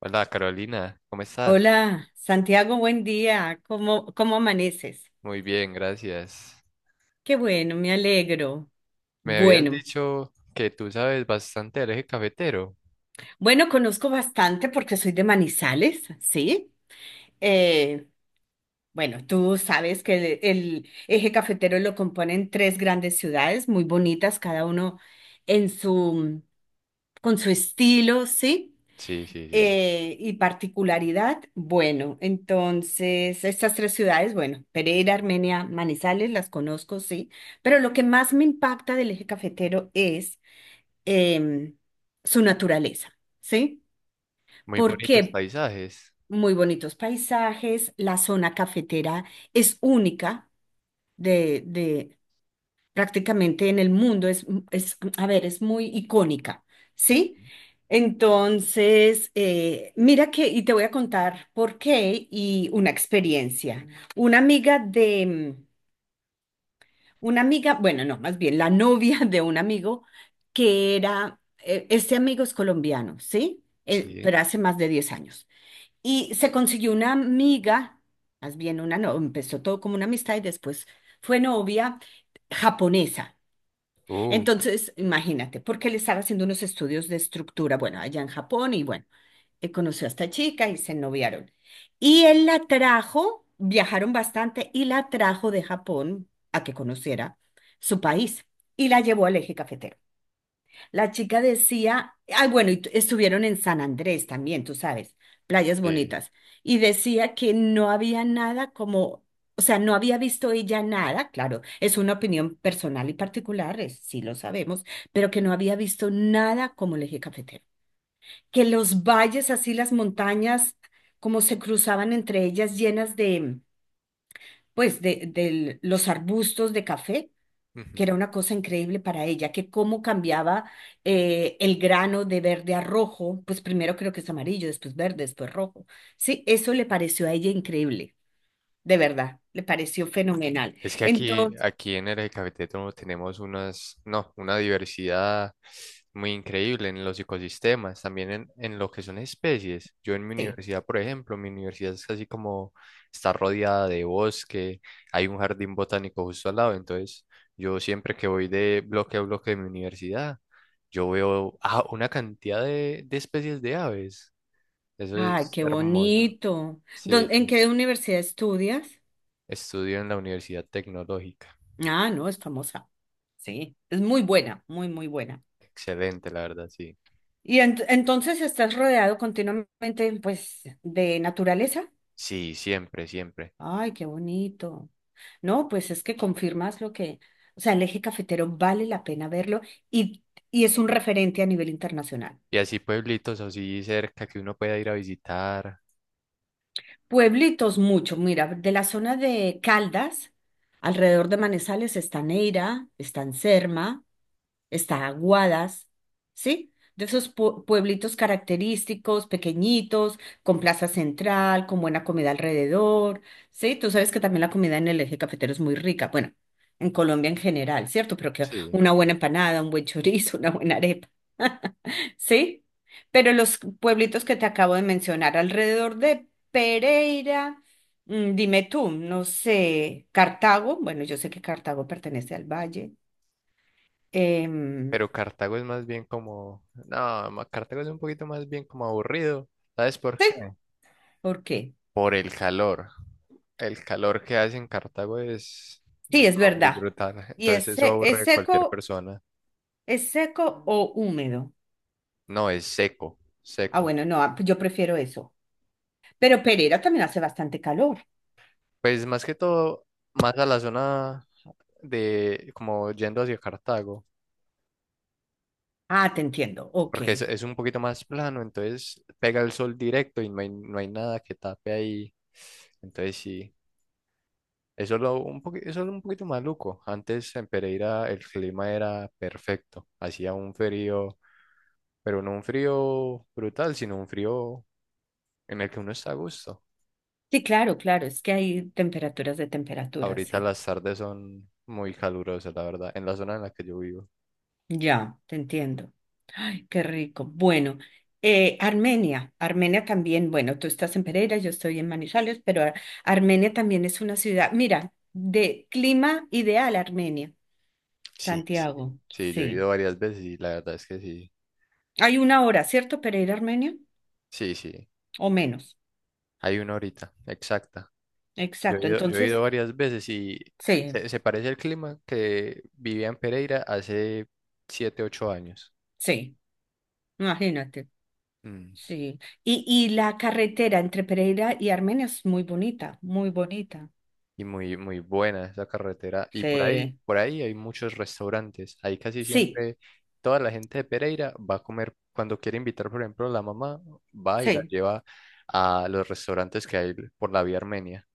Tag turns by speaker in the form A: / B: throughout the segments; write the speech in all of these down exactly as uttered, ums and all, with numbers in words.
A: Hola Carolina, ¿cómo estás?
B: Hola, Santiago, buen día. ¿Cómo, cómo amaneces?
A: Muy bien, gracias.
B: Qué bueno, me alegro.
A: Me habías
B: Bueno,
A: dicho que tú sabes bastante del eje cafetero.
B: bueno, conozco bastante porque soy de Manizales, ¿sí? Eh, bueno, tú sabes que el, el eje cafetero lo componen tres grandes ciudades muy bonitas, cada uno en su, con su estilo, ¿sí?
A: Sí, sí, sí.
B: Eh, y particularidad, bueno, entonces estas tres ciudades, bueno, Pereira, Armenia, Manizales, las conozco, sí, pero lo que más me impacta del eje cafetero es em, su naturaleza, ¿sí?
A: Muy bonitos
B: Porque
A: paisajes.
B: muy bonitos paisajes, la zona cafetera es única de, de prácticamente en el mundo es, mm, es, mm, a ver, es muy icónica, ¿sí? Entonces, eh, mira que, y te voy a contar por qué y una experiencia. Una amiga de, mm, una amiga, bueno, no, más bien la novia de un amigo que era, eh, este amigo es colombiano, ¿sí? Eh,
A: Sí.
B: pero hace más de diez años. Y se consiguió una amiga, más bien una, no, empezó todo como una amistad y después fue novia japonesa.
A: Uh,
B: Entonces, imagínate, porque él estaba haciendo unos estudios de estructura, bueno, allá en Japón, y bueno, eh, conoció a esta chica y se noviaron. Y él la trajo, viajaron bastante, y la trajo de Japón a que conociera su país, y la llevó al eje cafetero. La chica decía, ah, bueno, y tu- estuvieron en San Andrés también, tú sabes, playas
A: sí.
B: bonitas, y decía que no había nada como, o sea, no había visto ella nada, claro, es una opinión personal y particular, es- sí lo sabemos, pero que no había visto nada como el eje cafetero. Que los valles, así las montañas, como se cruzaban entre ellas llenas de, pues, de, de los arbustos de café que era una cosa increíble para ella, que cómo cambiaba eh, el grano de verde a rojo, pues primero creo que es amarillo, después verde, después rojo. Sí, eso le pareció a ella increíble, de verdad, le pareció fenomenal.
A: Es que aquí,
B: Entonces,
A: aquí en el Cafetero tenemos unas, no, una diversidad muy increíble en los ecosistemas, también en, en lo que son especies. Yo en mi
B: sí.
A: universidad, por ejemplo, mi universidad es casi como está rodeada de bosque, hay un jardín botánico justo al lado, entonces yo siempre que voy de bloque a bloque de mi universidad, yo veo ah, una cantidad de, de especies de aves. Eso
B: Ay,
A: es
B: qué
A: hermoso.
B: bonito. ¿Dó-
A: Sí,
B: ¿En
A: sí.
B: qué universidad estudias?
A: Estudio en la Universidad Tecnológica.
B: Ah, no, es famosa. Sí, es muy buena, muy, muy buena.
A: Excelente, la verdad, sí.
B: Y ent- entonces estás rodeado continuamente, pues, de naturaleza.
A: Sí, siempre, siempre.
B: Ay, qué bonito. No, pues es que confirmas lo que, o sea, el eje cafetero vale la pena verlo y, y es un referente a nivel internacional.
A: Y así pueblitos así cerca que uno pueda ir a visitar.
B: Pueblitos mucho, mira, de la zona de Caldas, alrededor de Manizales está Neira, está Anserma, está Aguadas, ¿sí? De esos pue- pueblitos característicos, pequeñitos, con plaza central, con buena comida alrededor, ¿sí? Tú sabes que también la comida en el eje cafetero es muy rica, bueno, en Colombia en general, ¿cierto? Pero que
A: Sí.
B: una buena empanada, un buen chorizo, una buena arepa, ¿sí? Pero los pueblitos que te acabo de mencionar alrededor de Pereira, mm, dime tú, no sé, Cartago, bueno, yo sé que Cartago pertenece al valle. em,
A: Pero Cartago es más bien como, no, ma- Cartago es un poquito más bien como aburrido. ¿Sabes por qué?
B: ¿Por qué?
A: Por el calor. El calor que hace en Cartago es no,
B: Sí, es
A: muy
B: verdad.
A: brutal.
B: ¿Y
A: Entonces
B: es,
A: eso
B: se-
A: aburre
B: es
A: a cualquier
B: seco,
A: persona.
B: es seco o húmedo?
A: No, es seco,
B: Ah,
A: seco.
B: bueno, no, ah, yo prefiero eso. Pero Pereira también hace bastante calor.
A: Pues más que todo, más a la zona de, como yendo hacia Cartago.
B: Ah, te entiendo. Ok.
A: Porque es, es un poquito más plano, entonces pega el sol directo y no hay, no hay nada que tape ahí. Entonces sí, eso es lo un poquito, eso es un poquito maluco. Antes en Pereira el clima era perfecto, hacía un frío, pero no un frío brutal, sino un frío en el que uno está a gusto.
B: Sí, claro, claro. Es que hay temperaturas de temperaturas,
A: Ahorita
B: sí.
A: las tardes son muy calurosas, la verdad, en la zona en la que yo vivo.
B: Ya, te entiendo. Ay, qué rico. Bueno, eh, Armenia. Armenia también, bueno, tú estás en Pereira, yo estoy en Manizales, pero Ar- Armenia también es una ciudad, mira, de clima ideal Armenia,
A: Sí. Sí,
B: Santiago.
A: sí, yo he
B: Sí.
A: ido varias veces y la verdad es que sí,
B: Hay una hora, ¿cierto, para ir a Armenia?
A: sí, sí.
B: O menos.
A: Hay una horita exacta. Yo he
B: Exacto.
A: ido, yo he ido
B: Entonces,
A: varias veces y
B: sí,
A: se, se parece al clima que vivía en Pereira hace siete ocho años.
B: sí, imagínate.
A: Mm.
B: Sí. Y, y la carretera entre Pereira y Armenia es muy bonita, muy bonita.
A: Y muy, muy buena esa carretera. Y por ahí,
B: Sí,
A: por ahí hay muchos restaurantes. Ahí casi
B: sí,
A: siempre toda la gente de Pereira va a comer. Cuando quiere invitar, por ejemplo, la mamá, va y la
B: sí.
A: lleva a los restaurantes que hay por la vía Armenia.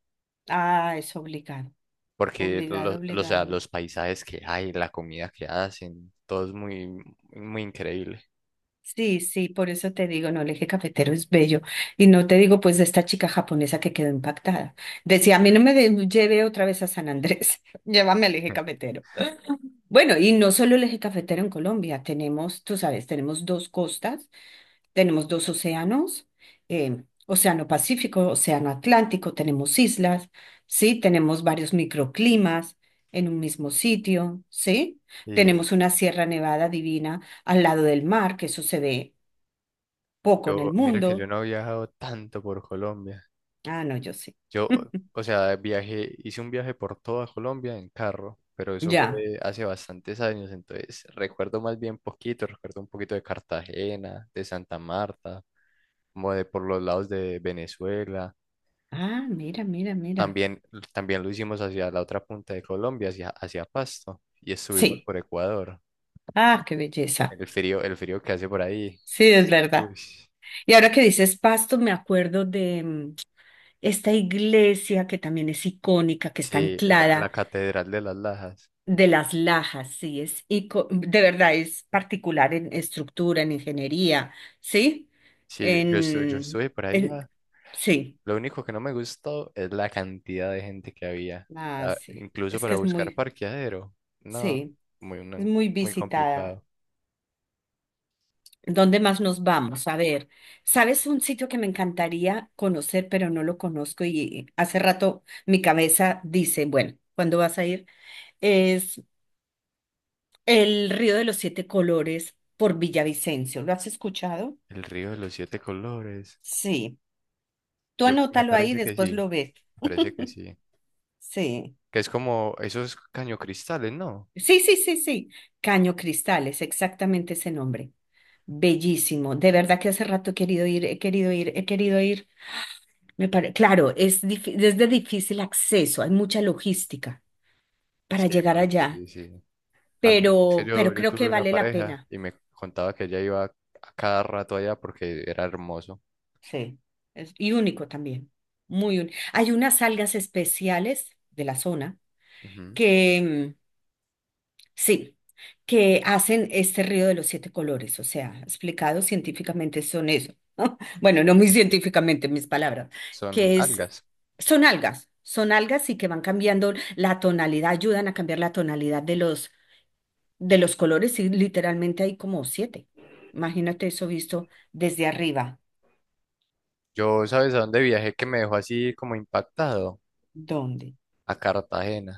B: Ah, es obligado,
A: Porque
B: obligado,
A: los, o sea,
B: obligado.
A: los paisajes que hay, la comida que hacen, todo es muy, muy increíble.
B: Sí, sí, por eso te digo, no, el eje cafetero es bello. Y no te digo, pues, de esta chica japonesa que quedó impactada. Decía, a mí no me de- lleve otra vez a San Andrés, llévame al eje cafetero. Bueno, y no solo el eje cafetero en Colombia, tenemos, tú sabes, tenemos dos costas, tenemos dos océanos, eh, Océano Pacífico, Océano Atlántico, tenemos islas, ¿sí? Tenemos varios microclimas en un mismo sitio, ¿sí?
A: Y
B: Tenemos una Sierra Nevada divina al lado del mar, que eso se ve poco en
A: yo,
B: el
A: mira que yo
B: mundo.
A: no he viajado tanto por Colombia.
B: Ah, no, yo sí.
A: Yo, o sea, viajé, hice un viaje por toda Colombia en carro, pero eso fue
B: Ya.
A: hace bastantes años, entonces recuerdo más bien poquito, recuerdo un poquito de Cartagena, de Santa Marta, como de por los lados de Venezuela.
B: Ah, mira, mira, mira.
A: También, también lo hicimos hacia la otra punta de Colombia, hacia, hacia Pasto, y estuvimos
B: Sí.
A: por Ecuador.
B: Ah, qué belleza.
A: El frío, el frío que hace por ahí.
B: Sí, es
A: Uy,
B: verdad. Y ahora que dices Pasto, me acuerdo de mm, esta iglesia que también es icónica, que está
A: sí, la, la
B: anclada
A: Catedral de las Lajas.
B: de las Lajas, sí, es ico- de verdad es particular en estructura, en ingeniería, ¿sí?
A: Sí, yo, yo estuve, yo
B: En,
A: estuve por
B: en
A: allá.
B: sí,
A: Lo único que no me gustó es la cantidad de gente que había.
B: ah,
A: Ah,
B: sí,
A: incluso
B: es que
A: para
B: es
A: buscar
B: muy,
A: parqueadero. No,
B: sí,
A: muy,
B: es
A: no,
B: muy
A: muy
B: visitada.
A: complicado.
B: ¿Dónde más nos vamos? A ver, ¿sabes un sitio que me encantaría conocer, pero no lo conozco y hace rato mi cabeza dice, bueno, ¿cuándo vas a ir? Es el Río de los Siete Colores por Villavicencio. ¿Lo has escuchado?
A: El río de los siete colores.
B: Sí. Tú
A: Yo, me
B: anótalo ahí y
A: parece que
B: después
A: sí,
B: lo ves.
A: me parece que sí.
B: Sí.
A: Que es como esos cañocristales, ¿no?
B: Sí, sí, sí, sí. Caño Cristales, exactamente ese nombre. Bellísimo. De verdad que hace rato he querido ir, he querido ir, he querido ir. Me pare- Claro, es, dif- es de difícil acceso, hay mucha logística para
A: Sí,
B: llegar
A: pues,
B: allá,
A: sí, sí. A mí, es que
B: pero,
A: yo,
B: pero
A: yo
B: creo
A: tuve
B: que
A: una
B: vale la
A: pareja
B: pena.
A: y me contaba que ella iba a cada rato allá porque era hermoso.
B: Sí, es, y único también. Muy único. Hay unas algas especiales de la zona
A: Ujú.
B: que, mm, sí, que hacen este río de los siete colores, o sea, explicado científicamente son eso. Bueno, no muy científicamente mis palabras,
A: Son
B: que es,
A: algas.
B: son algas, son algas y que van cambiando la tonalidad, ayudan a cambiar la tonalidad de los De los colores, sí, literalmente hay como siete. Imagínate eso visto desde arriba.
A: Yo, ¿sabes a dónde viajé que me dejó así como impactado?
B: ¿Dónde?
A: A Cartagena,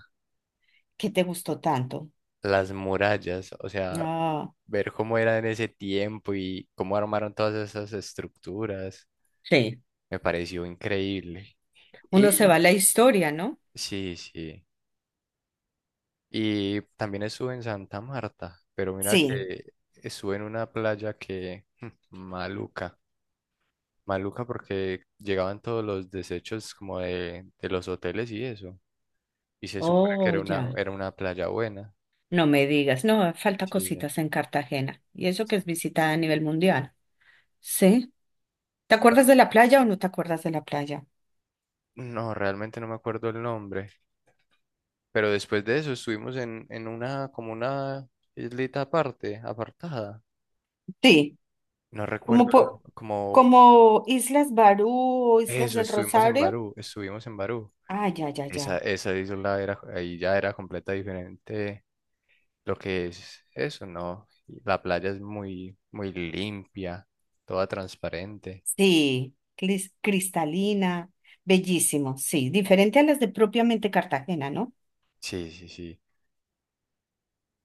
B: ¿Qué te gustó tanto?
A: las murallas, o sea,
B: Ah,
A: ver cómo era en ese tiempo y cómo armaron todas esas estructuras,
B: Sí.
A: me pareció increíble.
B: Uno se va
A: Y
B: a la historia, ¿no?
A: sí, sí. Y también estuve en Santa Marta, pero mira
B: sí,
A: que estuve en una playa que maluca, maluca porque llegaban todos los desechos como de, de los hoteles y eso. Y se supone que
B: Oh,
A: era una,
B: ya.
A: era una playa buena.
B: No me digas, no, falta
A: Sí.
B: cositas en Cartagena. Y eso que es visitada a nivel mundial. Sí. ¿Te acuerdas de la playa o no te acuerdas de la playa?
A: No, realmente no me acuerdo el nombre, pero después de eso estuvimos en, en una, como una islita aparte, apartada.
B: sí.
A: No
B: Como,
A: recuerdo
B: po-
A: el- Como
B: como Islas Barú o Islas
A: eso,
B: del
A: estuvimos en
B: Rosario.
A: Barú, estuvimos en Barú.
B: Ah, ya, ya,
A: Esa,
B: ya.
A: esa isla era, ahí ya era completa diferente lo que es eso, ¿no? Y la playa es muy, muy limpia, toda transparente.
B: Sí, clis- cristalina, bellísimo, sí, diferente a las de propiamente Cartagena, ¿no?
A: Sí, sí, sí.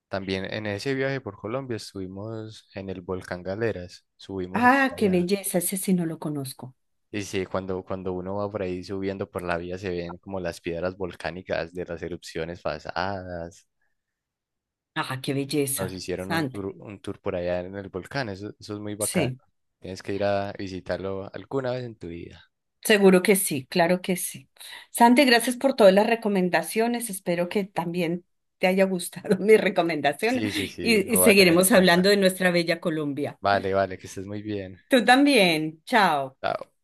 A: También en ese viaje por Colombia estuvimos en el volcán Galeras, subimos hasta
B: Ah, qué
A: allá.
B: belleza, ese sí no lo conozco.
A: Y sí, cuando, cuando uno va por ahí subiendo por la vía se ven como las piedras volcánicas de las erupciones pasadas.
B: Ah, qué
A: Nos
B: belleza,
A: hicieron un
B: Sante.
A: tour, un tour por allá en el volcán, eso, eso es muy bacano.
B: Sí,
A: Tienes que ir a visitarlo alguna vez en tu vida.
B: seguro que sí, claro que sí. Sante, gracias por todas las recomendaciones, espero que también te haya gustado mi recomendación
A: Sí, sí, sí,
B: y,
A: lo
B: y
A: voy a tener en
B: seguiremos hablando
A: cuenta.
B: de nuestra bella Colombia.
A: Vale, vale, que estés muy bien.
B: Tú también, chao.
A: Chao.